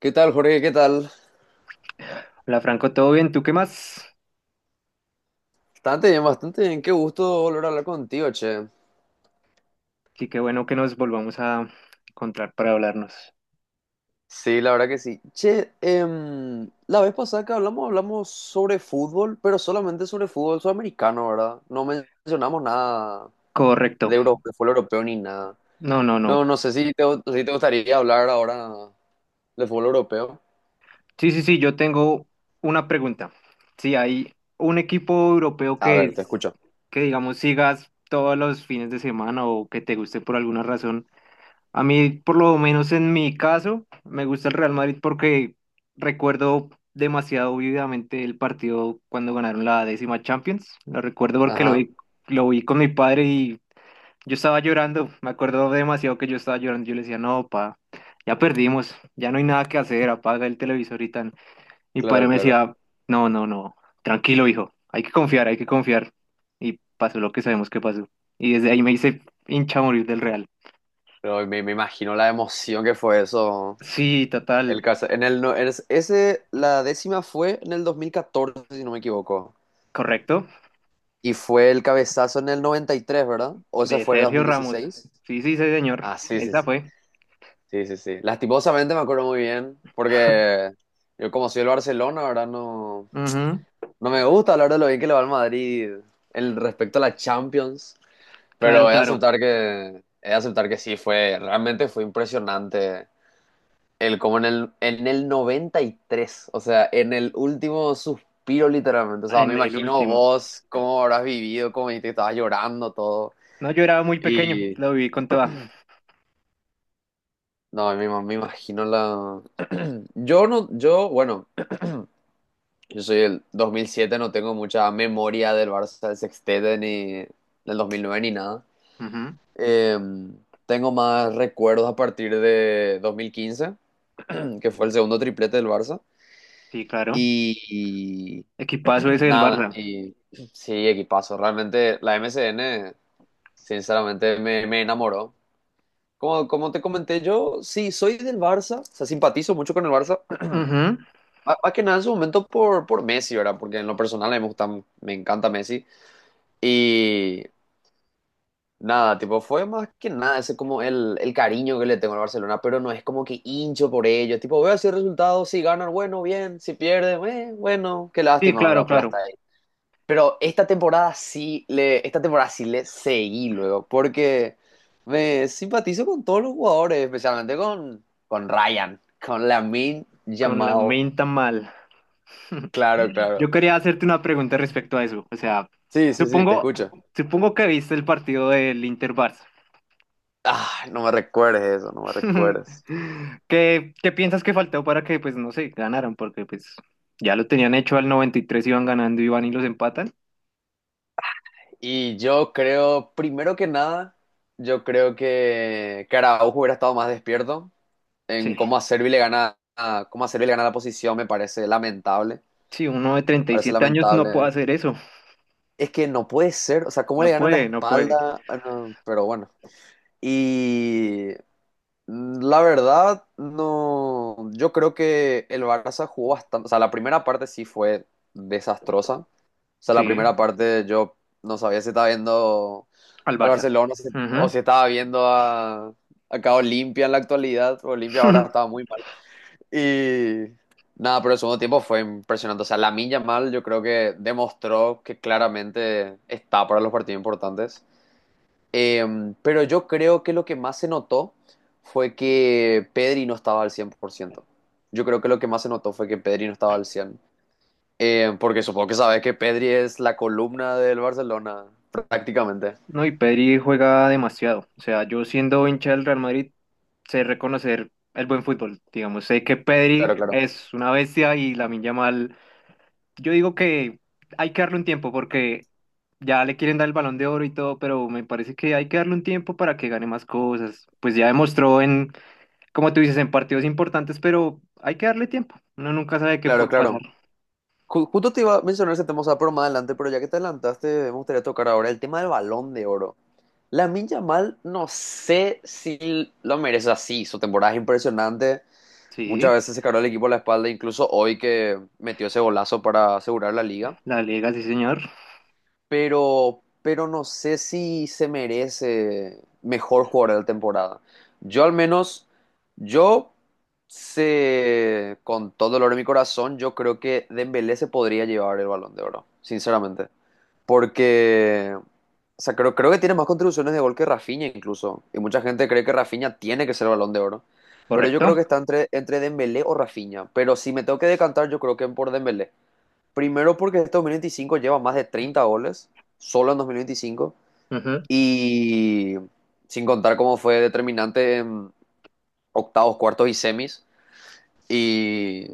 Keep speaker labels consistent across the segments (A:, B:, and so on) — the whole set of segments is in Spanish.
A: ¿Qué tal, Jorge? ¿Qué tal?
B: Hola Franco, ¿todo bien? ¿Tú qué más?
A: Bastante bien, bastante bien. Qué gusto volver a hablar contigo, che.
B: Sí, qué bueno que nos volvamos a encontrar para hablarnos.
A: Sí, la verdad que sí. Che, la vez pasada que hablamos, hablamos sobre fútbol, pero solamente sobre fútbol sudamericano, ¿verdad? No mencionamos nada
B: Correcto.
A: de de fútbol europeo ni nada.
B: No, no, no.
A: No, no sé si te gustaría hablar ahora de fútbol europeo.
B: Sí, sí, sí, yo tengo una pregunta. Si hay un equipo europeo
A: A
B: que
A: ver, te
B: es,
A: escucho.
B: que digamos sigas todos los fines de semana o que te guste por alguna razón. A mí, por lo menos en mi caso, me gusta el Real Madrid porque recuerdo demasiado vividamente el partido cuando ganaron la décima Champions. Lo recuerdo porque
A: Ajá,
B: lo vi con mi padre y yo estaba llorando, me acuerdo demasiado que yo estaba llorando. Yo le decía, no, pa, ya perdimos, ya no hay nada que hacer, apaga el televisor y tan. Mi padre
A: claro,
B: me
A: claro.
B: decía, no, no, no, tranquilo, hijo, hay que confiar, hay que confiar. Y pasó lo que sabemos que pasó. Y desde ahí me hice hincha a morir del Real.
A: Pero me imagino la emoción que fue eso.
B: Sí,
A: El,
B: total,
A: caso. En el, no- en ese, La décima fue en el 2014, si no me equivoco.
B: correcto,
A: Y fue el cabezazo en el 93, ¿verdad? ¿O ese
B: de
A: fue el dos
B: Sergio
A: mil
B: Ramos.
A: dieciséis.
B: Sí, sí, sí, señor,
A: Ah, sí, sí,
B: esa
A: sí.
B: fue.
A: Sí, sí, sí. Lastimosamente me acuerdo muy bien, porque yo como soy del Barcelona, ¿verdad? No,
B: Ujú,
A: no me gusta hablar de lo bien que le va al Madrid el respecto a la Champions,
B: claro,
A: pero he de
B: claro,
A: aceptar que, he de aceptar que sí, fue, realmente fue impresionante. El, como en el 93, o sea, en el último suspiro literalmente. O sea, me
B: en el
A: imagino
B: último.
A: vos cómo habrás vivido, cómo dijiste que estabas llorando, todo.
B: No, yo era muy pequeño,
A: Y
B: lo viví con toda.
A: no, me imagino la... Yo no, yo, bueno, yo soy el 2007 no tengo mucha memoria del Barça del Sextete ni del 2009 ni nada.
B: Ujú,
A: Eh, tengo más recuerdos a partir de 2015 que fue el segundo triplete del Barça.
B: sí, claro,
A: Y
B: equipazo ese del
A: nada,
B: Barça.
A: y sí, equipazo. Realmente la M S N sinceramente, me enamoró. Como, como te comenté, yo sí soy del Barça, o sea, simpatizo mucho con el Barça.
B: Ujú.
A: Más que nada en su momento por Messi, ¿verdad? Porque en lo personal a mí me gusta, me encanta Messi. Y nada, tipo, fue más que nada ese como el cariño que le tengo al Barcelona, pero no es como que hincho por ellos. Tipo, veo así el resultado, si ganan, bueno, bien, si pierden, bueno, qué
B: Sí,
A: lástima,
B: claro,
A: ¿verdad? Pero
B: claro.
A: hasta ahí. Pero esta temporada sí le seguí luego, porque me simpatizo con todos los jugadores, especialmente con Ryan, con Lamine
B: Con la
A: llamado.
B: menta mal.
A: Claro,
B: Yo
A: claro.
B: quería hacerte una pregunta respecto a eso. O sea,
A: Sí, sí, sí, te
B: supongo,
A: escucho.
B: supongo que viste el partido del Inter-Barça.
A: Ah, no me recuerdes eso, no me recuerdes.
B: ¿Qué, qué piensas que faltó para que, pues, no sé, ganaran? Porque, pues, ya lo tenían hecho al 93, iban ganando y van y los empatan.
A: Y yo creo, primero que nada, yo creo que Araujo hubiera estado más despierto
B: Sí,
A: en cómo a Servi le gana, cómo a Servi le gana la posición, me parece lamentable,
B: sí, uno de
A: parece
B: 37 años no puede
A: lamentable.
B: hacer eso.
A: Es que no puede ser, o sea, cómo le
B: No
A: gana la
B: puede, no puede.
A: espalda. Ah, no, pero bueno. Y la verdad, no. Yo creo que el Barça jugó bastante. O sea, la primera parte sí fue desastrosa. O sea, la
B: Sí,
A: primera parte yo no sabía si estaba viendo
B: al
A: al
B: Barça.
A: Barcelona o
B: Ujú.
A: si estaba viendo a, acá Olimpia en la actualidad. Olimpia ahora estaba muy mal. Y nada, pero el segundo tiempo fue impresionante. O sea, Lamine mal yo creo que demostró que claramente está para los partidos importantes. Pero yo creo que lo que más se notó fue que Pedri no estaba al 100%. Yo creo que lo que más se notó fue que Pedri no estaba al 100%. Porque supongo que sabes que Pedri es la columna del Barcelona, prácticamente.
B: No, y Pedri juega demasiado. O sea, yo siendo hincha del Real Madrid, sé reconocer el buen fútbol. Digamos, sé que
A: Claro,
B: Pedri
A: claro.
B: es una bestia y Lamine Yamal. Yo digo que hay que darle un tiempo porque ya le quieren dar el Balón de Oro y todo, pero me parece que hay que darle un tiempo para que gane más cosas. Pues ya demostró en, como tú dices, en partidos importantes, pero hay que darle tiempo. Uno nunca sabe qué
A: Claro,
B: puede pasar.
A: claro. Justo te iba a mencionar ese tema, o sea, pero más adelante, pero ya que te adelantaste, me gustaría tocar ahora el tema del Balón de Oro. Minja mal no sé si lo merece así. Su temporada es impresionante. Muchas
B: Sí,
A: veces se cargó el equipo a la espalda, incluso hoy que metió ese golazo para asegurar la liga.
B: la Liga, sí, señor.
A: Pero no sé si se merece mejor jugador de la temporada. Yo al menos, yo sé, con todo el dolor de mi corazón, yo creo que Dembélé se podría llevar el Balón de Oro, sinceramente. Porque, o sea, creo, creo que tiene más contribuciones de gol que Rafinha incluso. Y mucha gente cree que Rafinha tiene que ser el Balón de Oro. Pero yo creo
B: Correcto.
A: que está entre Dembélé o Rafinha. Pero si me tengo que decantar, yo creo que por Dembélé. Primero porque este 2025 lleva más de 30 goles, solo en 2025.
B: Ujú.
A: Y sin contar cómo fue determinante en octavos, cuartos y semis. Y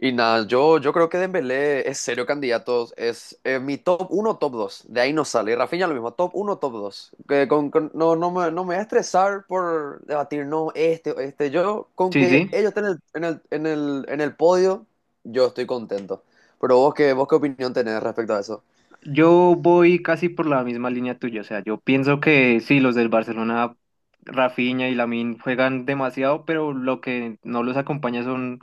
A: y nada, yo creo que Dembélé es serio candidato, es mi top uno top 2 de ahí no sale. Y Rafinha lo mismo, top uno top dos. Que no, no me voy a estresar por debatir, no, este, o este, yo con
B: Sí,
A: que
B: sí.
A: ellos estén en el podio, yo estoy contento. Pero ¿vos qué opinión tenés respecto a eso?
B: Yo voy casi por la misma línea tuya, o sea, yo pienso que sí, los del Barcelona, Rafinha y Lamine juegan demasiado, pero lo que no los acompaña son,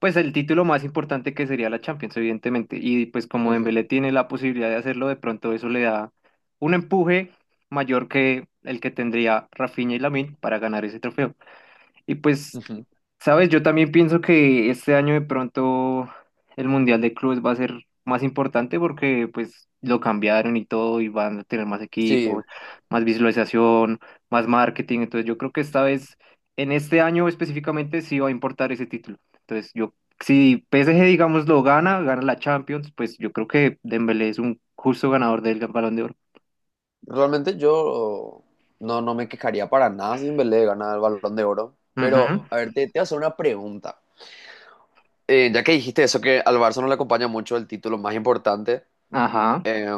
B: pues, el título más importante que sería la Champions, evidentemente, y pues como
A: Ujú,
B: Dembélé tiene la posibilidad de hacerlo, de pronto eso le da un empuje mayor que el que tendría Rafinha y Lamine para ganar ese trofeo. Y pues,
A: ujú.
B: sabes, yo también pienso que este año de pronto el Mundial de Clubes va a ser más importante porque pues lo cambiaron y todo y van a tener más
A: Sí,
B: equipos, más visualización, más marketing. Entonces yo creo que esta vez, en este año específicamente, sí va a importar ese título. Entonces yo, si PSG, digamos, lo gana, gana la Champions, pues yo creo que Dembélé es un justo ganador del Balón de Oro.
A: realmente yo no, no me quejaría para nada si Dembélé gana el Balón de Oro. Pero,
B: Ujú,
A: a ver, te voy a hacer una pregunta. Ya que dijiste eso, que al Barça no le acompaña mucho el título más importante,
B: ajá.
A: eh,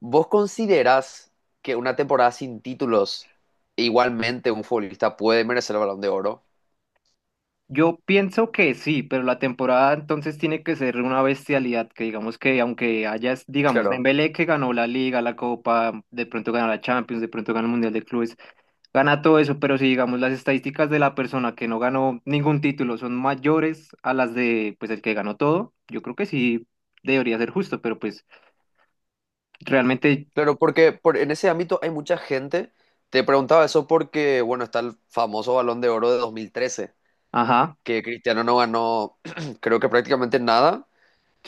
A: ¿vos considerás que una temporada sin títulos igualmente un futbolista puede merecer el Balón de Oro?
B: Yo pienso que sí, pero la temporada entonces tiene que ser una bestialidad, que digamos que aunque haya, digamos,
A: Claro.
B: Dembélé que ganó la Liga, la Copa, de pronto gana la Champions, de pronto gana el Mundial de Clubes, gana todo eso, pero si digamos las estadísticas de la persona que no ganó ningún título son mayores a las de pues el que ganó todo, yo creo que sí debería ser justo, pero pues realmente,
A: Claro, porque en ese ámbito hay mucha gente. Te preguntaba eso porque, bueno, está el famoso Balón de Oro de 2013,
B: ajá,
A: que Cristiano no ganó, creo que prácticamente nada,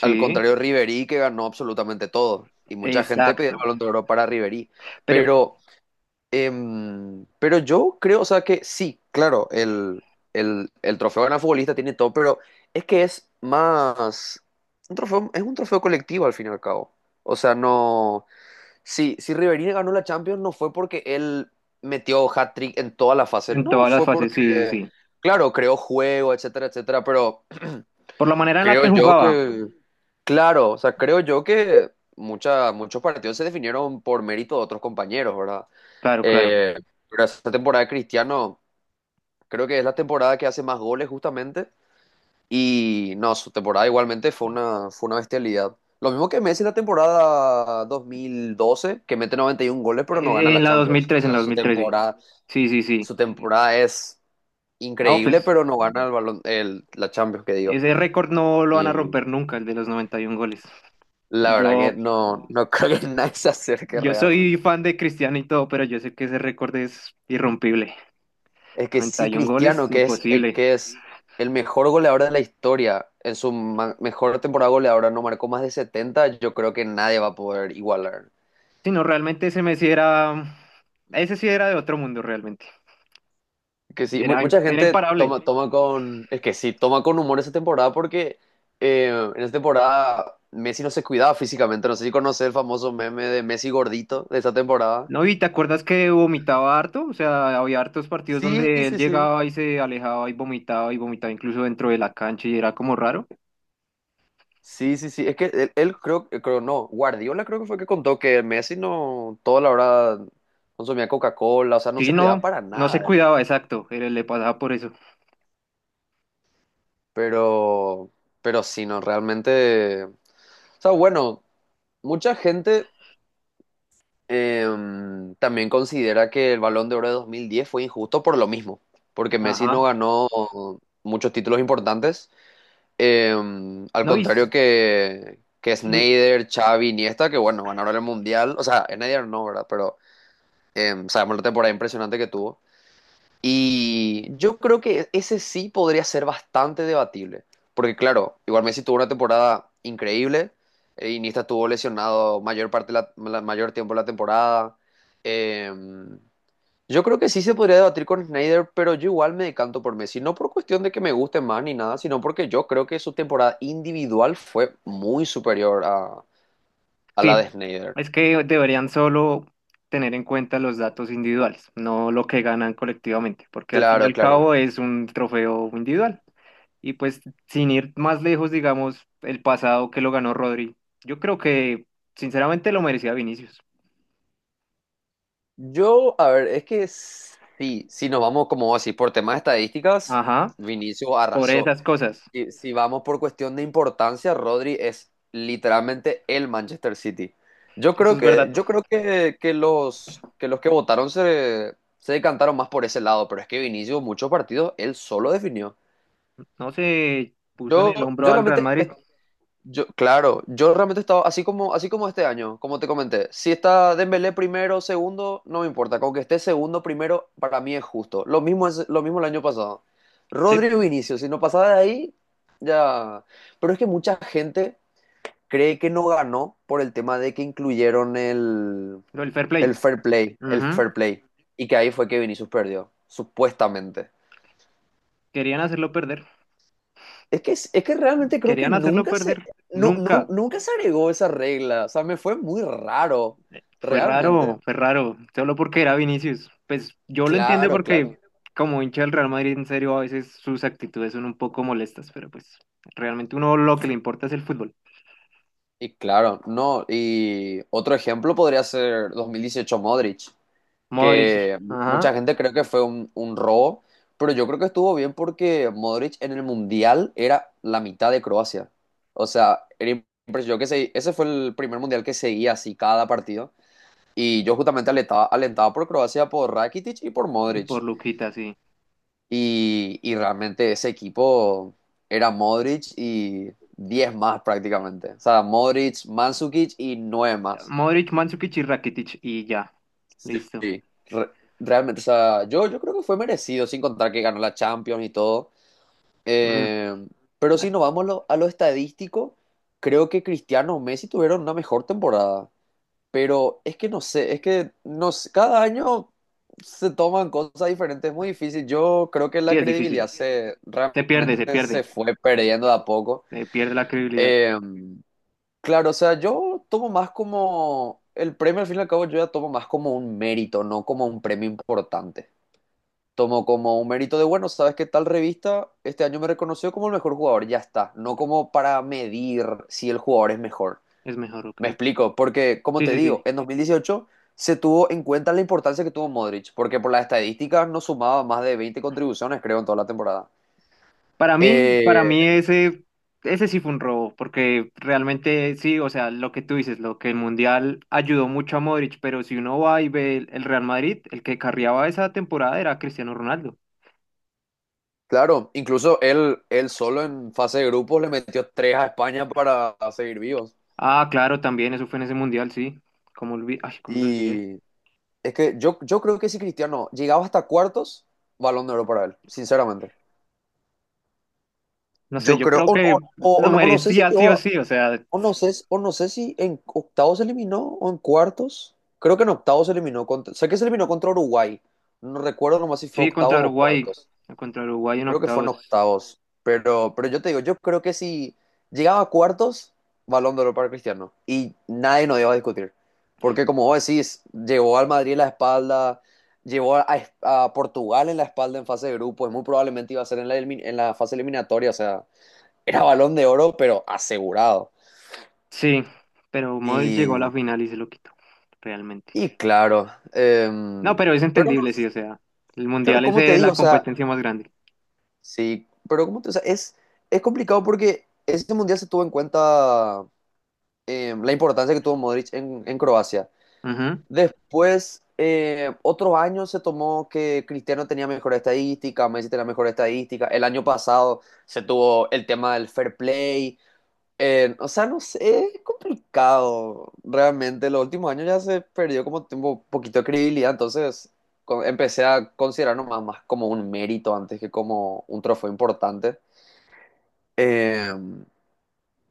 A: al contrario de Ribery, que ganó absolutamente todo. Y mucha gente pedía el
B: exacto,
A: Balón de Oro para Ribery.
B: pero
A: Pero... pero yo creo, o sea, que sí, claro, el trofeo de gran futbolista tiene todo, pero es que es más un trofeo, es un trofeo colectivo al fin y al cabo. O sea, no. Si, si Riverina ganó la Champions, no fue porque él metió hat-trick en todas las fases,
B: en
A: no,
B: todas las
A: fue
B: fases, sí, sí,
A: porque,
B: sí,
A: claro, creó juego, etcétera, etcétera, pero
B: por la manera en la
A: creo
B: que
A: yo
B: jugaba,
A: que, claro, o sea, creo yo que muchos partidos se definieron por mérito de otros compañeros, ¿verdad?
B: claro, claro.
A: Eh, pero esta temporada de Cristiano, creo que es la temporada que hace más goles justamente. Y no, su temporada igualmente fue fue una bestialidad. Lo mismo que Messi en la temporada 2012 que mete 91 goles pero no gana la
B: En la dos mil
A: Champions. O
B: tres en
A: sea,
B: la dos mil sí. Sí, sí, sí.
A: su temporada es
B: No,
A: increíble,
B: pues
A: pero no gana el balón, el, la Champions, que digo.
B: ese récord no lo van a romper nunca, el de los 91 goles.
A: La
B: Y
A: verdad que
B: yo,
A: no, no creo que nadie se acerque
B: yo soy
A: realmente.
B: fan de Cristiano y todo, pero yo sé que ese récord es irrompible.
A: Es que sí,
B: 91 goles,
A: Cristiano,
B: imposible.
A: que es el mejor goleador de la historia, en su mejor temporada goleadora no marcó más de 70, yo creo que nadie va a poder igualar.
B: Sí, no, realmente ese Messi era, ese sí era de otro mundo realmente.
A: Que sí,
B: Era,
A: mucha
B: era
A: gente
B: imparable.
A: toma, toma con, es que sí, toma con humor esa temporada porque eh, en esa temporada Messi no se cuidaba físicamente. No sé si conoces el famoso meme de Messi gordito de esa temporada.
B: No, y te acuerdas que vomitaba harto, o sea, había hartos partidos
A: Sí,
B: donde él
A: sí, sí.
B: llegaba y se alejaba y vomitaba incluso dentro de la cancha y era como raro.
A: Sí, sí, sí. Es que él creo, creo, no, Guardiola creo que fue que contó que Messi no, toda la hora consumía Coca-Cola, o sea, no
B: Sí,
A: se cuidaba
B: no,
A: para
B: no
A: nada
B: se
A: él.
B: cuidaba, exacto, pero le pasaba por eso.
A: Pero, pero sí, no, realmente. O sea, bueno, mucha gente también considera que el Balón de Oro de 2010 fue injusto por lo mismo, porque Messi
B: Ajá.
A: no ganó muchos títulos importantes. Al
B: No, y
A: contrario
B: s-
A: que
B: sí,
A: Snyder, Xavi, Iniesta, que bueno, ganaron el Mundial. O sea, Snyder no, ¿verdad? Pero... sabemos la temporada impresionante que tuvo. Y yo creo que ese sí podría ser bastante debatible. Porque claro, igual Messi tuvo una temporada increíble. Iniesta estuvo lesionado mayor parte de mayor tiempo de la temporada. Em, yo creo que sí se podría debatir con Snyder, pero yo igual me decanto por Messi. No por cuestión de que me guste más ni nada, sino porque yo creo que su temporada individual fue muy superior a la
B: sí,
A: de Snyder.
B: es que deberían solo tener en cuenta los datos individuales, no lo que ganan colectivamente, porque al fin y
A: Claro,
B: al
A: claro.
B: cabo es un trofeo individual. Y pues sin ir más lejos, digamos, el pasado que lo ganó Rodri, yo creo que sinceramente lo merecía Vinicius.
A: Yo, a ver, es que sí, si nos vamos como así por temas de estadísticas,
B: Ajá,
A: Vinicius
B: por
A: arrasó.
B: esas cosas.
A: Y si vamos por cuestión de importancia, Rodri es literalmente el Manchester City.
B: Eso es verdad.
A: Que los, que los que votaron se, se decantaron más por ese lado, pero es que Vinicius muchos partidos él solo definió.
B: No se puso en el
A: Yo,
B: hombro
A: yo
B: al Real
A: realmente,
B: Madrid.
A: claro, yo realmente estaba así como este año, como te comenté. Si está Dembélé primero, segundo, no me importa. Con que esté segundo, primero, para mí es justo. Lo mismo es, lo mismo el año pasado.
B: Sí,
A: Rodrigo Vinicius, si no pasaba de ahí, ya. Pero es que mucha gente cree que no ganó por el tema de que incluyeron
B: lo del fair
A: el
B: play.
A: fair play, el
B: Ujú.
A: fair play. Y que ahí fue que Vinicius perdió, supuestamente.
B: Querían hacerlo perder,
A: Es que realmente creo que
B: querían hacerlo
A: nunca se,
B: perder.
A: no,
B: Nunca.
A: nunca se agregó esa regla. O sea, me fue muy raro,
B: Fue
A: realmente.
B: raro, fue raro. Solo porque era Vinicius. Pues yo lo entiendo
A: Claro, claro.
B: porque como hincha del Real Madrid, en serio, a veces sus actitudes son un poco molestas, pero pues realmente uno lo que le importa es el fútbol.
A: Y claro, no. Y otro ejemplo podría ser 2018 Modric,
B: Modric,
A: que mucha
B: ajá.
A: gente cree que fue un robo, pero yo creo que estuvo bien porque Modric en el Mundial era la mitad de Croacia. O sea, era impresionante. Ese fue el primer Mundial que seguía así cada partido. Y yo justamente alentaba por Croacia, por Rakitic y por
B: Y
A: Modric.
B: por Luquita, sí.
A: Y realmente ese equipo era Modric y 10 más prácticamente. O sea, Modric, Mandzukic y 9 más.
B: Modric, Mandzukic y Rakitic y ya. Listo.
A: Sí. Realmente, o sea, yo creo que fue merecido, sin contar que ganó la Champions y todo.
B: Mm,
A: Eh, pero si
B: ah,
A: nos vamos a a lo estadístico, creo que Cristiano o Messi tuvieron una mejor temporada. Pero es que no sé, es que no sé, cada año se toman cosas diferentes, es muy difícil. Yo creo que la
B: sí, es
A: credibilidad
B: difícil.
A: se
B: Se pierde, se
A: realmente
B: pierde.
A: se fue perdiendo de a poco.
B: Se pierde la credibilidad.
A: Eh, claro, o sea, yo tomo más como el premio, al fin y al cabo, yo ya tomo más como un mérito, no como un premio importante. Tomo como un mérito de, bueno, sabes que tal revista este año me reconoció como el mejor jugador, ya está. No como para medir si el jugador es mejor.
B: Es mejor, ok.
A: Me explico, porque como
B: Sí,
A: te
B: sí,
A: digo,
B: sí.
A: en 2018 se tuvo en cuenta la importancia que tuvo Modric, porque por las estadísticas no sumaba más de 20 contribuciones, creo, en toda la temporada. Eh,
B: Para mí ese, ese sí fue un robo, porque realmente sí, o sea, lo que tú dices, lo que el Mundial ayudó mucho a Modric, pero si uno va y ve el Real Madrid, el que carriaba esa temporada era Cristiano Ronaldo.
A: claro, incluso él solo en fase de grupos le metió tres a España para seguir vivos.
B: Ah, claro, también eso fue en ese Mundial, sí. Como olvi- Ay, cómo lo olvidé.
A: Y es que yo creo que si Cristiano llegaba hasta cuartos, balón de oro para él, sinceramente.
B: No sé,
A: Yo
B: yo
A: creo,
B: creo que lo
A: o no sé si
B: merecía sí
A: llegó,
B: o sí, o sea,
A: o no sé, o no sé si en octavos se eliminó o en cuartos. Creo que en octavos se eliminó contra, sé que se eliminó contra Uruguay. No recuerdo nomás si fue
B: sí,
A: octavos o cuartos.
B: Contra Uruguay en
A: Creo que fue en
B: octavos,
A: octavos. Pero yo te digo, yo creo que si llegaba a cuartos, Balón de Oro para Cristiano. Y nadie nos iba a discutir. Porque como vos decís, llevó al Madrid en la espalda, llevó a Portugal en la espalda en fase de grupos. Muy probablemente iba a ser en la, en la fase eliminatoria. O sea, era Balón de Oro, pero asegurado.
B: sí, pero Modric llegó a la
A: Y
B: final y se lo quitó, realmente.
A: Claro,
B: No, pero es
A: pero no,
B: entendible, sí, o sea, el
A: claro,
B: mundial es
A: como te digo,
B: la
A: o sea,
B: competencia más grande.
A: sí, pero como te, o sea, es complicado porque ese mundial se tuvo en cuenta la importancia que tuvo Modric en Croacia.
B: Ujú.
A: Después, otros años se tomó que Cristiano tenía mejor estadística, Messi tenía mejor estadística. El año pasado se tuvo el tema del fair play. O sea, no sé, es complicado. Realmente, los últimos años ya se perdió como tiempo, un poquito de credibilidad, entonces empecé a considerarlo más, más como un mérito antes que como un trofeo importante. Eh,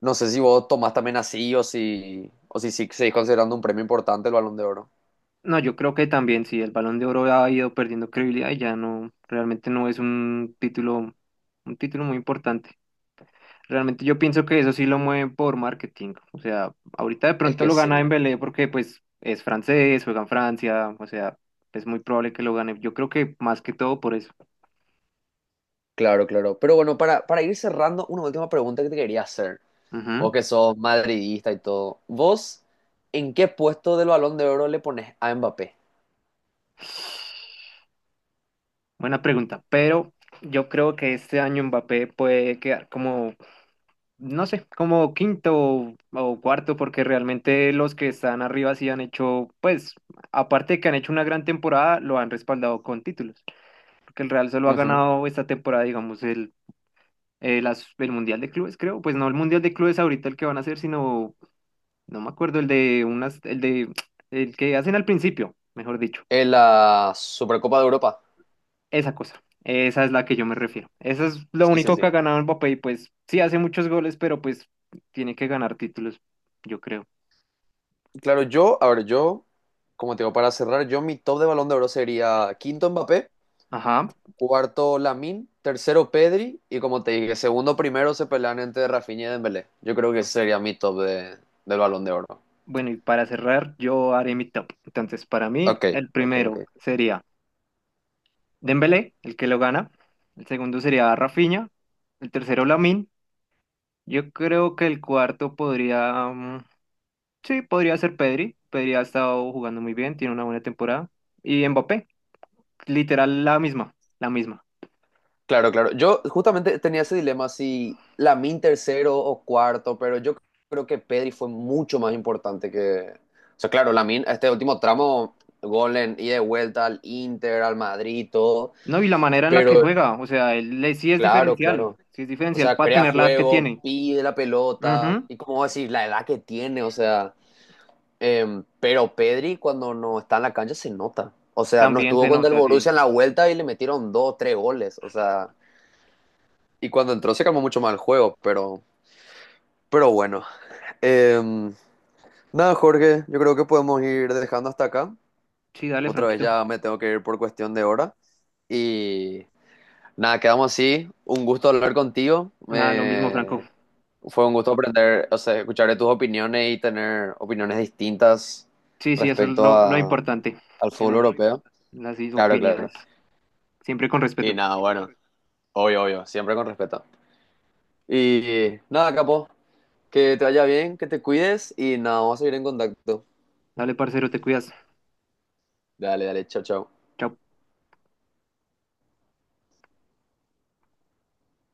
A: no sé si vos tomás también así o si sí seguís considerando un premio importante el Balón de Oro.
B: No, yo creo que también, sí, el Balón de Oro ha ido perdiendo credibilidad y ya no, realmente no es un título muy importante. Realmente yo pienso que eso sí lo mueven por marketing. O sea, ahorita de
A: Es
B: pronto
A: que
B: lo
A: sí,
B: gana Dembélé porque pues es francés, juega en Francia, o sea, es muy probable que lo gane. Yo creo que más que todo por eso.
A: claro, claro. Pero bueno, para ir cerrando, una última pregunta que te quería hacer.
B: Ujú.
A: Vos que sos madridista y todo, ¿vos en qué puesto del Balón de Oro le pones a Mbappé?
B: Buena pregunta, pero yo creo que este año Mbappé puede quedar como no sé, como quinto o cuarto, porque realmente los que están arriba sí han hecho, pues, aparte de que han hecho una gran temporada, lo han respaldado con títulos, porque el Real solo ha
A: Ujú.
B: ganado esta temporada, digamos, el, las- el Mundial de Clubes, creo, pues no el Mundial de Clubes ahorita el que van a hacer, sino, no me acuerdo, el de unas, el de, el que hacen al principio, mejor dicho,
A: En la Supercopa de Europa.
B: esa cosa. Esa es la que yo me refiero. Eso es lo
A: Sí, sí,
B: único que
A: sí.
B: ha ganado Mbappé y pues sí hace muchos goles, pero pues tiene que ganar títulos, yo creo.
A: Claro, yo, a ver, yo, como te digo, para cerrar, yo mi top de Balón de Oro sería quinto Mbappé,
B: Ajá.
A: cuarto Lamine, tercero Pedri y como te dije, segundo primero se pelean entre Rafinha y Dembélé. Yo creo que ese sería mi top de, del Balón de Oro.
B: Bueno, y para cerrar, yo haré mi top. Entonces, para mí,
A: Ok,
B: el
A: ok,
B: primero
A: ok.
B: sería Dembélé, el que lo gana. El segundo sería Rafinha. El tercero, Lamine. Yo creo que el cuarto podría, mm, sí, podría ser Pedri. Pedri ha estado jugando muy bien, tiene una buena temporada. Y Mbappé, literal la misma, la misma.
A: Claro, claro. Yo justamente tenía ese dilema si Lamin tercero o cuarto, pero yo creo que Pedri fue mucho más importante que... O sea, claro, Lamin, este último tramo, gol en ida y de vuelta al Inter, al Madrid, todo,
B: No, y la manera en la que
A: pero
B: juega, o sea, él
A: claro, claro.
B: sí es
A: O
B: diferencial
A: sea,
B: para
A: crea
B: tener la edad que
A: juego,
B: tiene.
A: pide la pelota,
B: Ujú,
A: y como decir, la edad que tiene, o sea... pero Pedri cuando no está en la cancha se nota. O sea, no
B: también
A: estuvo
B: se
A: con el
B: nota, sí.
A: Borussia en la vuelta y le metieron dos, tres goles. O sea, y cuando entró se calmó mucho más el juego, pero bueno. Em, Nada, Jorge, yo creo que podemos ir dejando hasta acá.
B: Sí, dale,
A: Otra vez
B: Franquito.
A: ya me tengo que ir por cuestión de hora. Y nada, quedamos así. Un gusto hablar contigo.
B: Nada, lo mismo, Franco.
A: Me... Fue un gusto aprender, o sea, escuchar tus opiniones y tener opiniones distintas
B: Sí, sí, eso es
A: respecto
B: lo
A: a,
B: importante,
A: al fútbol
B: tener
A: europeo.
B: las
A: Claro,
B: opiniones,
A: claro.
B: siempre con
A: Y
B: respeto.
A: nada, bueno, obvio, obvio, siempre con respeto. Y nada, capo, que te vaya bien, que te cuides y nada, vamos a seguir en contacto.
B: Dale, parcero, te cuidas.
A: Dale, dale, chao, chao.
B: Chao.